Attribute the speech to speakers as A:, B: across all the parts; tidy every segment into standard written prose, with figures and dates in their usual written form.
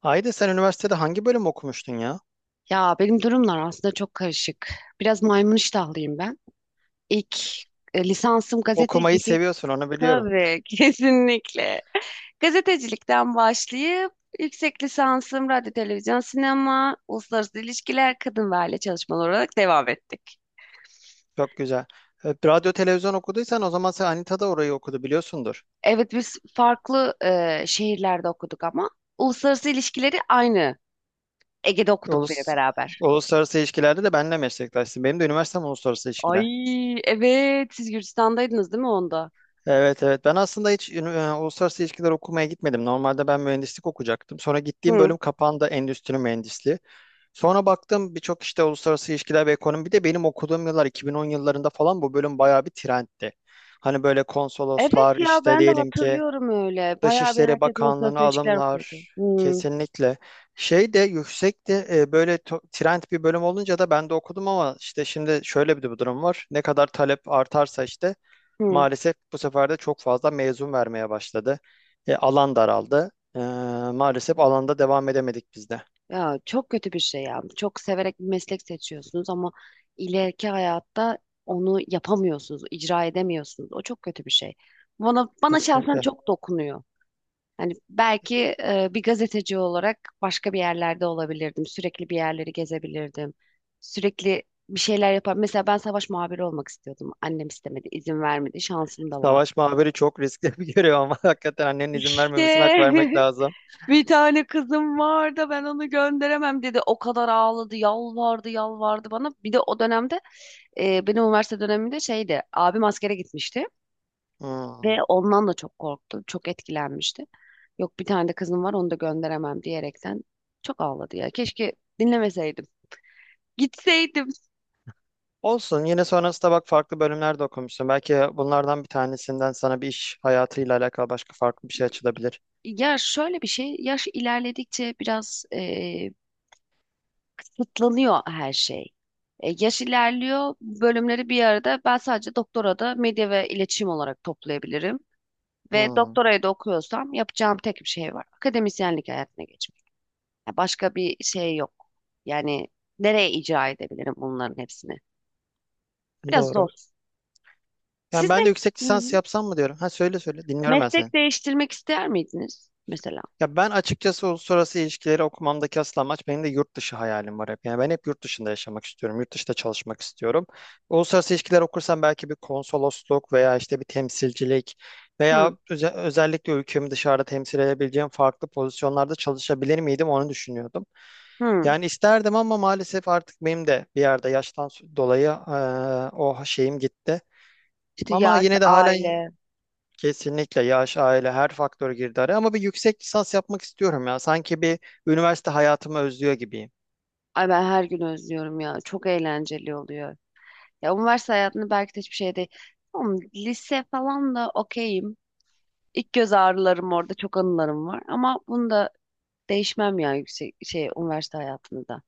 A: Haydi sen üniversitede hangi bölüm okumuştun ya?
B: Ya benim durumlar aslında çok karışık. Biraz maymun iştahlıyım ben. İlk lisansım
A: Okumayı
B: gazetecilik.
A: seviyorsun onu biliyorum.
B: Tabii, kesinlikle. Gazetecilikten başlayıp yüksek lisansım radyo, televizyon, sinema, uluslararası ilişkiler, kadın ve aile çalışmaları olarak devam ettik.
A: Çok güzel. Radyo televizyon okuduysan o zaman sen Anita da orayı okudu biliyorsundur.
B: Evet biz farklı şehirlerde okuduk ama uluslararası ilişkileri aynı. Ege'de okuduk biri
A: Ulus,
B: beraber.
A: uluslararası ilişkilerde de benimle meslektaşsın. Benim de üniversitem uluslararası ilişkiler.
B: Ay evet siz Gürcistan'daydınız değil mi onda?
A: Evet evet ben aslında hiç uluslararası ilişkiler okumaya gitmedim. Normalde ben mühendislik okuyacaktım. Sonra gittiğim
B: Hı.
A: bölüm kapandı endüstri mühendisliği. Sonra baktım birçok işte uluslararası ilişkiler ve ekonomi. Bir de benim okuduğum yıllar 2010 yıllarında falan bu bölüm bayağı bir trendti. Hani böyle konsoloslar
B: Evet ya
A: işte
B: ben de
A: diyelim ki
B: hatırlıyorum öyle. Bayağı bir
A: Dışişleri
B: herkes
A: Bakanlığı'na
B: uluslararası ilişkiler okuyordu.
A: alımlar
B: Hı,
A: kesinlikle. Şey de yüksekti böyle trend bir bölüm olunca da ben de okudum ama işte şimdi şöyle bir de bu durum var. Ne kadar talep artarsa işte
B: hı.
A: maalesef bu sefer de çok fazla mezun vermeye başladı. Alan daraldı. E, maalesef alanda devam edemedik biz de.
B: Ya çok kötü bir şey ya. Çok severek bir meslek seçiyorsunuz ama ileriki hayatta onu yapamıyorsunuz, icra edemiyorsunuz. O çok kötü bir şey. Bana şahsen
A: Kesinlikle.
B: çok dokunuyor. Hani belki bir gazeteci olarak başka bir yerlerde olabilirdim. Sürekli bir yerleri gezebilirdim. Sürekli bir şeyler yapar. Mesela ben savaş muhabiri olmak istiyordum. Annem istemedi, izin vermedi. Şansım da vardı.
A: Savaş muhabiri çok riskli bir görev ama hakikaten annenin izin vermemesine
B: İşte
A: hak vermek lazım.
B: bir tane kızım var da ben onu gönderemem dedi. O kadar ağladı, yalvardı, yalvardı bana. Bir de o dönemde benim üniversite döneminde şeydi. Abim askere gitmişti ve
A: Hmm.
B: ondan da çok korktu, çok etkilenmişti. Yok bir tane de kızım var onu da gönderemem diyerekten çok ağladı ya. Keşke dinlemeseydim. Gitseydim.
A: Olsun. Yine sonrasında bak farklı bölümler de okumuşsun. Belki bunlardan bir tanesinden sana bir iş hayatıyla alakalı başka farklı bir şey açılabilir.
B: Ya şöyle bir şey, yaş ilerledikçe biraz kısıtlanıyor her şey. Yaş ilerliyor, bölümleri bir arada ben sadece doktora da medya ve iletişim olarak toplayabilirim. Ve
A: Hmm,
B: doktorayı da okuyorsam yapacağım tek bir şey var. Akademisyenlik hayatına geçmek. Ya başka bir şey yok. Yani nereye icra edebilirim bunların hepsini? Biraz
A: doğru.
B: zor.
A: Yani
B: Siz
A: ben de
B: me-
A: yüksek
B: Hı
A: lisans
B: hı.
A: yapsam mı diyorum. Ha söyle söyle. Dinliyorum ben seni.
B: Meslek değiştirmek ister miydiniz mesela?
A: Ya ben açıkçası uluslararası ilişkileri okumamdaki asıl amaç benim de yurt dışı hayalim var hep. Yani ben hep yurt dışında yaşamak istiyorum. Yurt dışında çalışmak istiyorum. Uluslararası ilişkiler okursam belki bir konsolosluk veya işte bir temsilcilik veya
B: Hı
A: özellikle ülkemi dışarıda temsil edebileceğim farklı pozisyonlarda çalışabilir miydim onu düşünüyordum.
B: hı.
A: Yani isterdim ama maalesef artık benim de bir yerde yaştan dolayı o şeyim gitti.
B: İşte
A: Ama
B: yaş,
A: yine de halen
B: aile.
A: kesinlikle yaş, aile her faktör girdi araya. Ama bir yüksek lisans yapmak istiyorum ya. Sanki bir üniversite hayatımı özlüyor gibiyim.
B: Ay ben her gün özlüyorum ya. Çok eğlenceli oluyor. Ya üniversite hayatında belki de hiçbir şey değil. Tamam, lise falan da okeyim. İlk göz ağrılarım orada çok anılarım var. Ama bunu da değişmem ya yüksek şey üniversite hayatında da.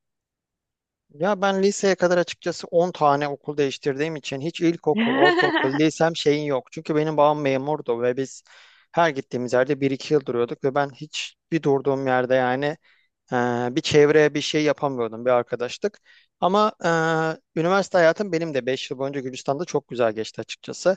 A: Ya ben liseye kadar açıkçası 10 tane okul değiştirdiğim için hiç ilkokul, ortaokul, lisem şeyin yok. Çünkü benim babam memurdu ve biz her gittiğimiz yerde bir iki yıl duruyorduk ve ben hiç bir durduğum yerde yani Bir çevreye bir şey yapamıyordum, bir arkadaşlık. Ama üniversite hayatım benim de 5 yıl boyunca Gürcistan'da çok güzel geçti açıkçası.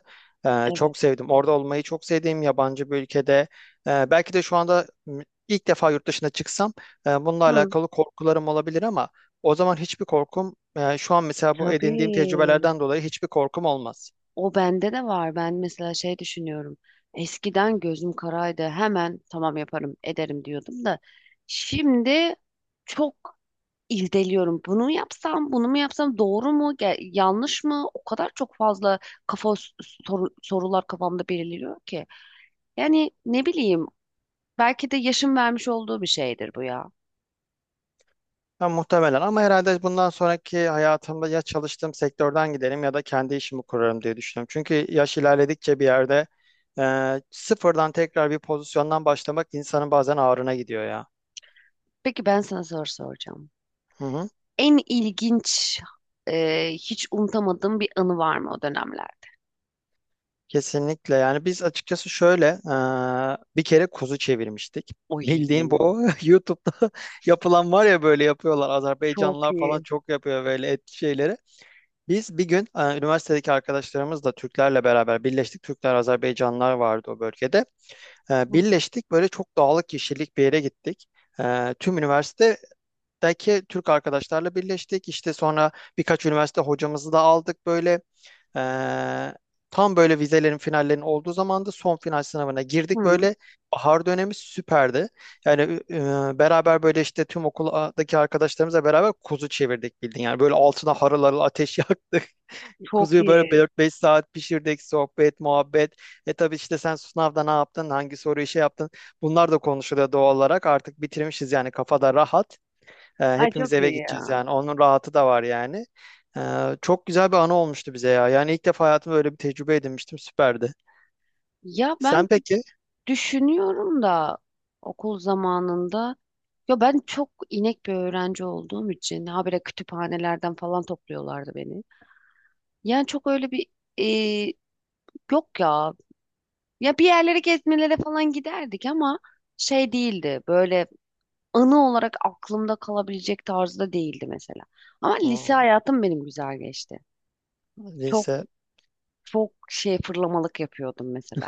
A: Ee,
B: Evet.
A: çok sevdim. Orada olmayı çok sevdiğim yabancı bir ülkede. Belki de şu anda ilk defa yurt dışına çıksam bununla
B: Hı,
A: alakalı korkularım olabilir ama o zaman hiçbir korkum, şu an mesela bu edindiğim
B: tabii.
A: tecrübelerden dolayı hiçbir korkum olmaz.
B: O bende de var. Ben mesela şey düşünüyorum. Eskiden gözüm karaydı. Hemen tamam yaparım, ederim diyordum da şimdi çok irdeliyorum. Bunu mu yapsam, bunu mu yapsam, doğru mu, yanlış mı? O kadar çok fazla kafa s- sorular kafamda belirliyor ki. Yani ne bileyim, belki de yaşım vermiş olduğu bir şeydir bu ya.
A: Ha, muhtemelen ama herhalde bundan sonraki hayatımda ya çalıştığım sektörden giderim ya da kendi işimi kurarım diye düşünüyorum. Çünkü yaş ilerledikçe bir yerde sıfırdan tekrar bir pozisyondan başlamak insanın bazen ağrına gidiyor ya.
B: Peki ben sana soru soracağım.
A: Hı hı.
B: En ilginç, hiç unutamadığım bir anı var mı o dönemler?
A: Kesinlikle yani biz açıkçası şöyle bir kere kuzu çevirmiştik.
B: Oy.
A: Bildiğin bu YouTube'da yapılan var ya böyle yapıyorlar
B: Çok
A: Azerbaycanlılar falan
B: iyi.
A: çok yapıyor böyle et şeyleri. Biz bir gün üniversitedeki arkadaşlarımızla Türklerle beraber birleştik. Türkler, Azerbaycanlılar vardı o bölgede. E,
B: Hı,
A: birleştik böyle çok dağlık kişilik bir yere gittik. Tüm üniversitedeki Türk arkadaşlarla birleştik. İşte sonra birkaç üniversite hocamızı da aldık böyle. E, tam böyle vizelerin finallerinin olduğu zamanda son final sınavına girdik
B: hı,
A: böyle. Bahar dönemi süperdi. Yani beraber böyle işte tüm okuldaki arkadaşlarımızla beraber kuzu çevirdik bildiğin. Yani böyle altına harıl harıl ateş yaktık.
B: çok
A: Kuzuyu böyle
B: iyi.
A: 4-5 saat pişirdik, sohbet, muhabbet. E tabii işte sen sınavda ne yaptın, hangi soruyu şey yaptın. Bunlar da konuşuluyor doğal olarak. Artık bitirmişiz yani kafada rahat. E,
B: Ay
A: hepimiz
B: çok
A: eve
B: iyi
A: gideceğiz
B: ya.
A: yani. Onun rahatı da var yani. E, çok güzel bir anı olmuştu bize ya. Yani ilk defa hayatımda böyle bir tecrübe edinmiştim. Süperdi.
B: Ya ben
A: Sen peki?
B: düşünüyorum da okul zamanında ya ben çok inek bir öğrenci olduğum için habire kütüphanelerden falan topluyorlardı beni. Yani çok öyle bir e, yok ya. Ya bir yerlere gezmelere falan giderdik ama şey değildi. Böyle anı olarak aklımda kalabilecek tarzda değildi mesela. Ama lise
A: Hmm,
B: hayatım benim güzel geçti. Çok
A: lise.
B: çok şey fırlamalık yapıyordum mesela.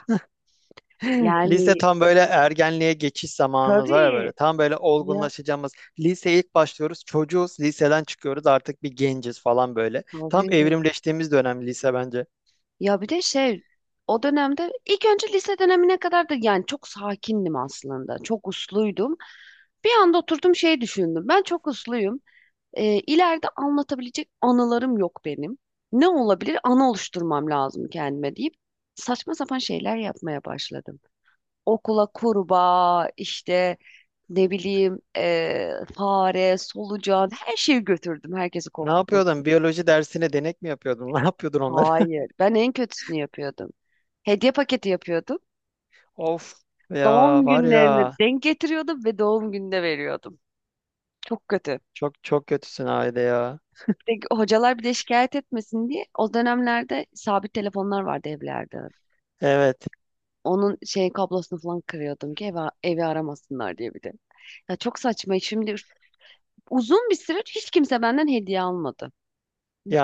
A: Lise
B: Yani
A: tam böyle ergenliğe geçiş zamanımız var ya
B: tabii
A: böyle. Tam böyle
B: ya
A: olgunlaşacağımız. Liseye ilk başlıyoruz. Çocuğuz. Liseden çıkıyoruz. Artık bir genciz falan böyle. Tam
B: tabii.
A: evrimleştiğimiz dönem lise bence.
B: Ya bir de şey o dönemde ilk önce lise dönemine kadar da yani çok sakindim aslında. Çok usluydum. Bir anda oturdum şey düşündüm. Ben çok usluyum. İleride anlatabilecek anılarım yok benim. Ne olabilir? Anı oluşturmam lazım kendime deyip saçma sapan şeyler yapmaya başladım. Okula kurbağa işte ne bileyim fare, solucan her şeyi götürdüm herkesi
A: Ne
B: korkutmak.
A: yapıyordun? Biyoloji dersine denek mi yapıyordun? Ne yapıyordun onları?
B: Hayır. Ben en kötüsünü yapıyordum. Hediye paketi yapıyordum.
A: Of ya
B: Doğum
A: var ya.
B: günlerini denk getiriyordum ve doğum gününe veriyordum. Çok kötü.
A: Çok çok kötüsün Ayda ya.
B: Bir de hocalar bir de şikayet etmesin diye o dönemlerde sabit telefonlar vardı evlerde.
A: Evet.
B: Onun şey kablosunu falan kırıyordum ki evi aramasınlar diye bir de. Ya çok saçma. Şimdi uzun bir süre hiç kimse benden hediye almadı.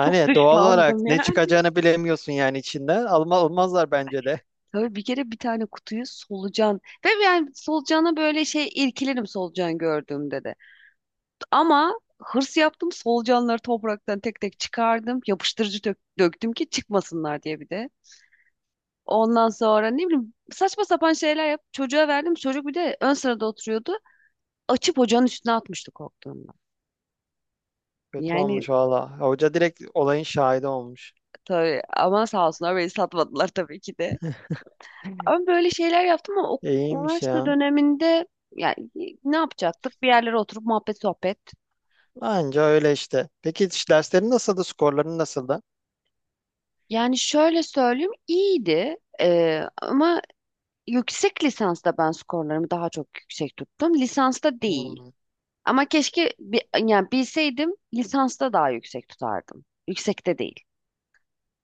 B: Çok
A: doğal olarak
B: dışlandım
A: ne
B: yani.
A: çıkacağını bilemiyorsun yani içinden. Alma, almazlar bence de.
B: Tabii bir kere bir tane kutuyu solucan ve yani solucana böyle şey irkilirim solucan gördüğümde de. Ama hırs yaptım. Solucanları topraktan tek tek çıkardım. Yapıştırıcı döktüm ki çıkmasınlar diye bir de. Ondan sonra ne bileyim saçma sapan şeyler yap. Çocuğa verdim. Çocuk bir de ön sırada oturuyordu. Açıp ocağın üstüne atmıştı korktuğundan.
A: Kötü
B: Yani
A: olmuş valla. Hoca direkt olayın şahidi olmuş.
B: tabii ama sağ olsunlar beni satmadılar tabii ki de. Ama böyle şeyler yaptım ama o,
A: İyiymiş
B: üniversite
A: ya.
B: döneminde yani ne yapacaktık? Bir yerlere oturup muhabbet sohbet.
A: Anca öyle işte. Peki hiç derslerin nasıldı? Skorların nasıldı?
B: Yani şöyle söyleyeyim iyiydi. Ama yüksek lisansta ben skorlarımı daha çok yüksek tuttum. Lisansta değil.
A: Hmm,
B: Ama keşke yani bilseydim lisansta daha yüksek tutardım. Yüksekte değil.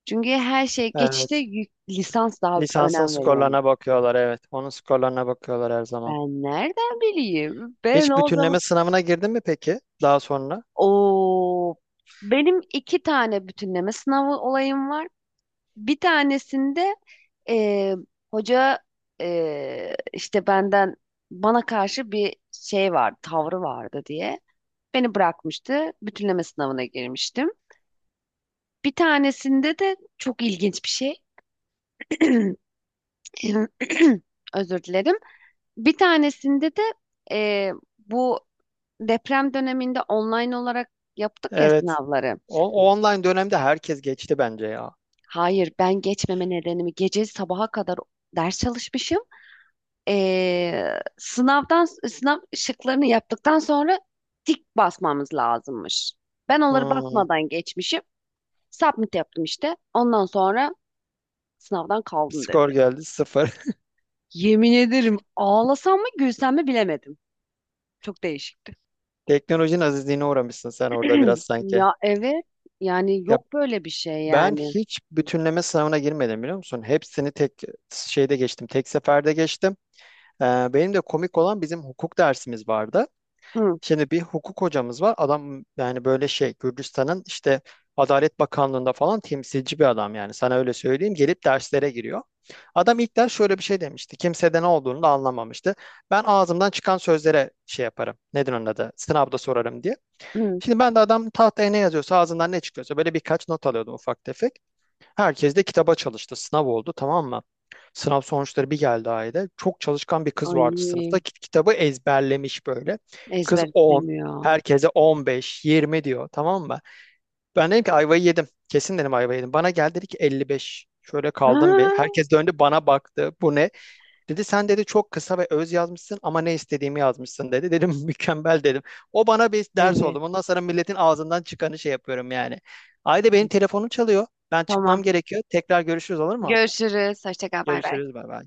B: Çünkü her şey geçişte
A: evet.
B: lisans daha
A: Lisansın
B: önem veriyormuş.
A: skorlarına bakıyorlar. Evet. Onun skorlarına bakıyorlar her zaman.
B: Ben nereden bileyim? Ben
A: Hiç
B: o zaman...
A: bütünleme sınavına girdin mi peki? Daha sonra.
B: Oo, benim iki tane bütünleme sınavı olayım var. Bir tanesinde e, hoca işte benden bana karşı bir şey vardı, tavrı vardı diye. Beni bırakmıştı. Bütünleme sınavına girmiştim. Bir tanesinde de çok ilginç bir şey. Özür dilerim. Bir tanesinde de e, bu deprem döneminde online olarak yaptık ya
A: Evet.
B: sınavları.
A: O online dönemde herkes geçti bence ya.
B: Hayır, ben geçmeme nedenimi gece sabaha kadar ders çalışmışım. Sınavdan şıklarını yaptıktan sonra tik basmamız lazımmış. Ben onları
A: Hmm.
B: basmadan geçmişim. Submit yaptım işte. Ondan sonra sınavdan
A: Bir
B: kaldın
A: skor
B: dediler.
A: geldi sıfır.
B: Yemin ederim ağlasam mı gülsem mi bilemedim. Çok değişikti.
A: Teknolojinin azizliğine uğramışsın sen orada biraz sanki.
B: Ya evet yani
A: Ya
B: yok böyle bir şey
A: ben
B: yani.
A: hiç bütünleme sınavına girmedim biliyor musun? Hepsini tek şeyde geçtim. Tek seferde geçtim. Ee, benim de komik olan bizim hukuk dersimiz vardı.
B: Hı,
A: Şimdi bir hukuk hocamız var. Adam yani böyle şey Gürcistan'ın işte Adalet Bakanlığı'nda falan temsilci bir adam yani sana öyle söyleyeyim gelip derslere giriyor. Adam ilk ders şöyle bir şey demişti. Kimse de ne olduğunu da anlamamıştı. Ben ağzımdan çıkan sözlere şey yaparım. Nedir onun adı? Sınavda sorarım diye.
B: hı.
A: Şimdi ben de adam tahtaya ne yazıyorsa ağzından ne çıkıyorsa böyle birkaç not alıyordum ufak tefek. Herkes de kitaba çalıştı. Sınav oldu tamam mı? Sınav sonuçları bir geldi Ayda. Çok çalışkan bir kız vardı sınıfta.
B: Ay
A: Kitabı ezberlemiş böyle. Kız
B: ezber
A: 10.
B: istemiyor.
A: Herkese 15, 20 diyor tamam mı? Ben dedim ki ayvayı yedim. Kesin dedim ayvayı yedim. Bana geldi dedi ki 55, şöyle kaldım bir.
B: Aa,
A: Herkes döndü bana baktı. Bu ne? Dedi sen dedi çok kısa ve öz yazmışsın ama ne istediğimi yazmışsın dedi. Dedim mükemmel dedim. O bana bir ders oldu.
B: evet.
A: Ondan sonra milletin ağzından çıkanı şey yapıyorum yani. Ayda benim
B: Ay,
A: telefonum çalıyor. Ben çıkmam
B: tamam.
A: gerekiyor. Tekrar görüşürüz olur mu?
B: Görüşürüz. Hoşça kal. Bay bay.
A: Görüşürüz bay bay.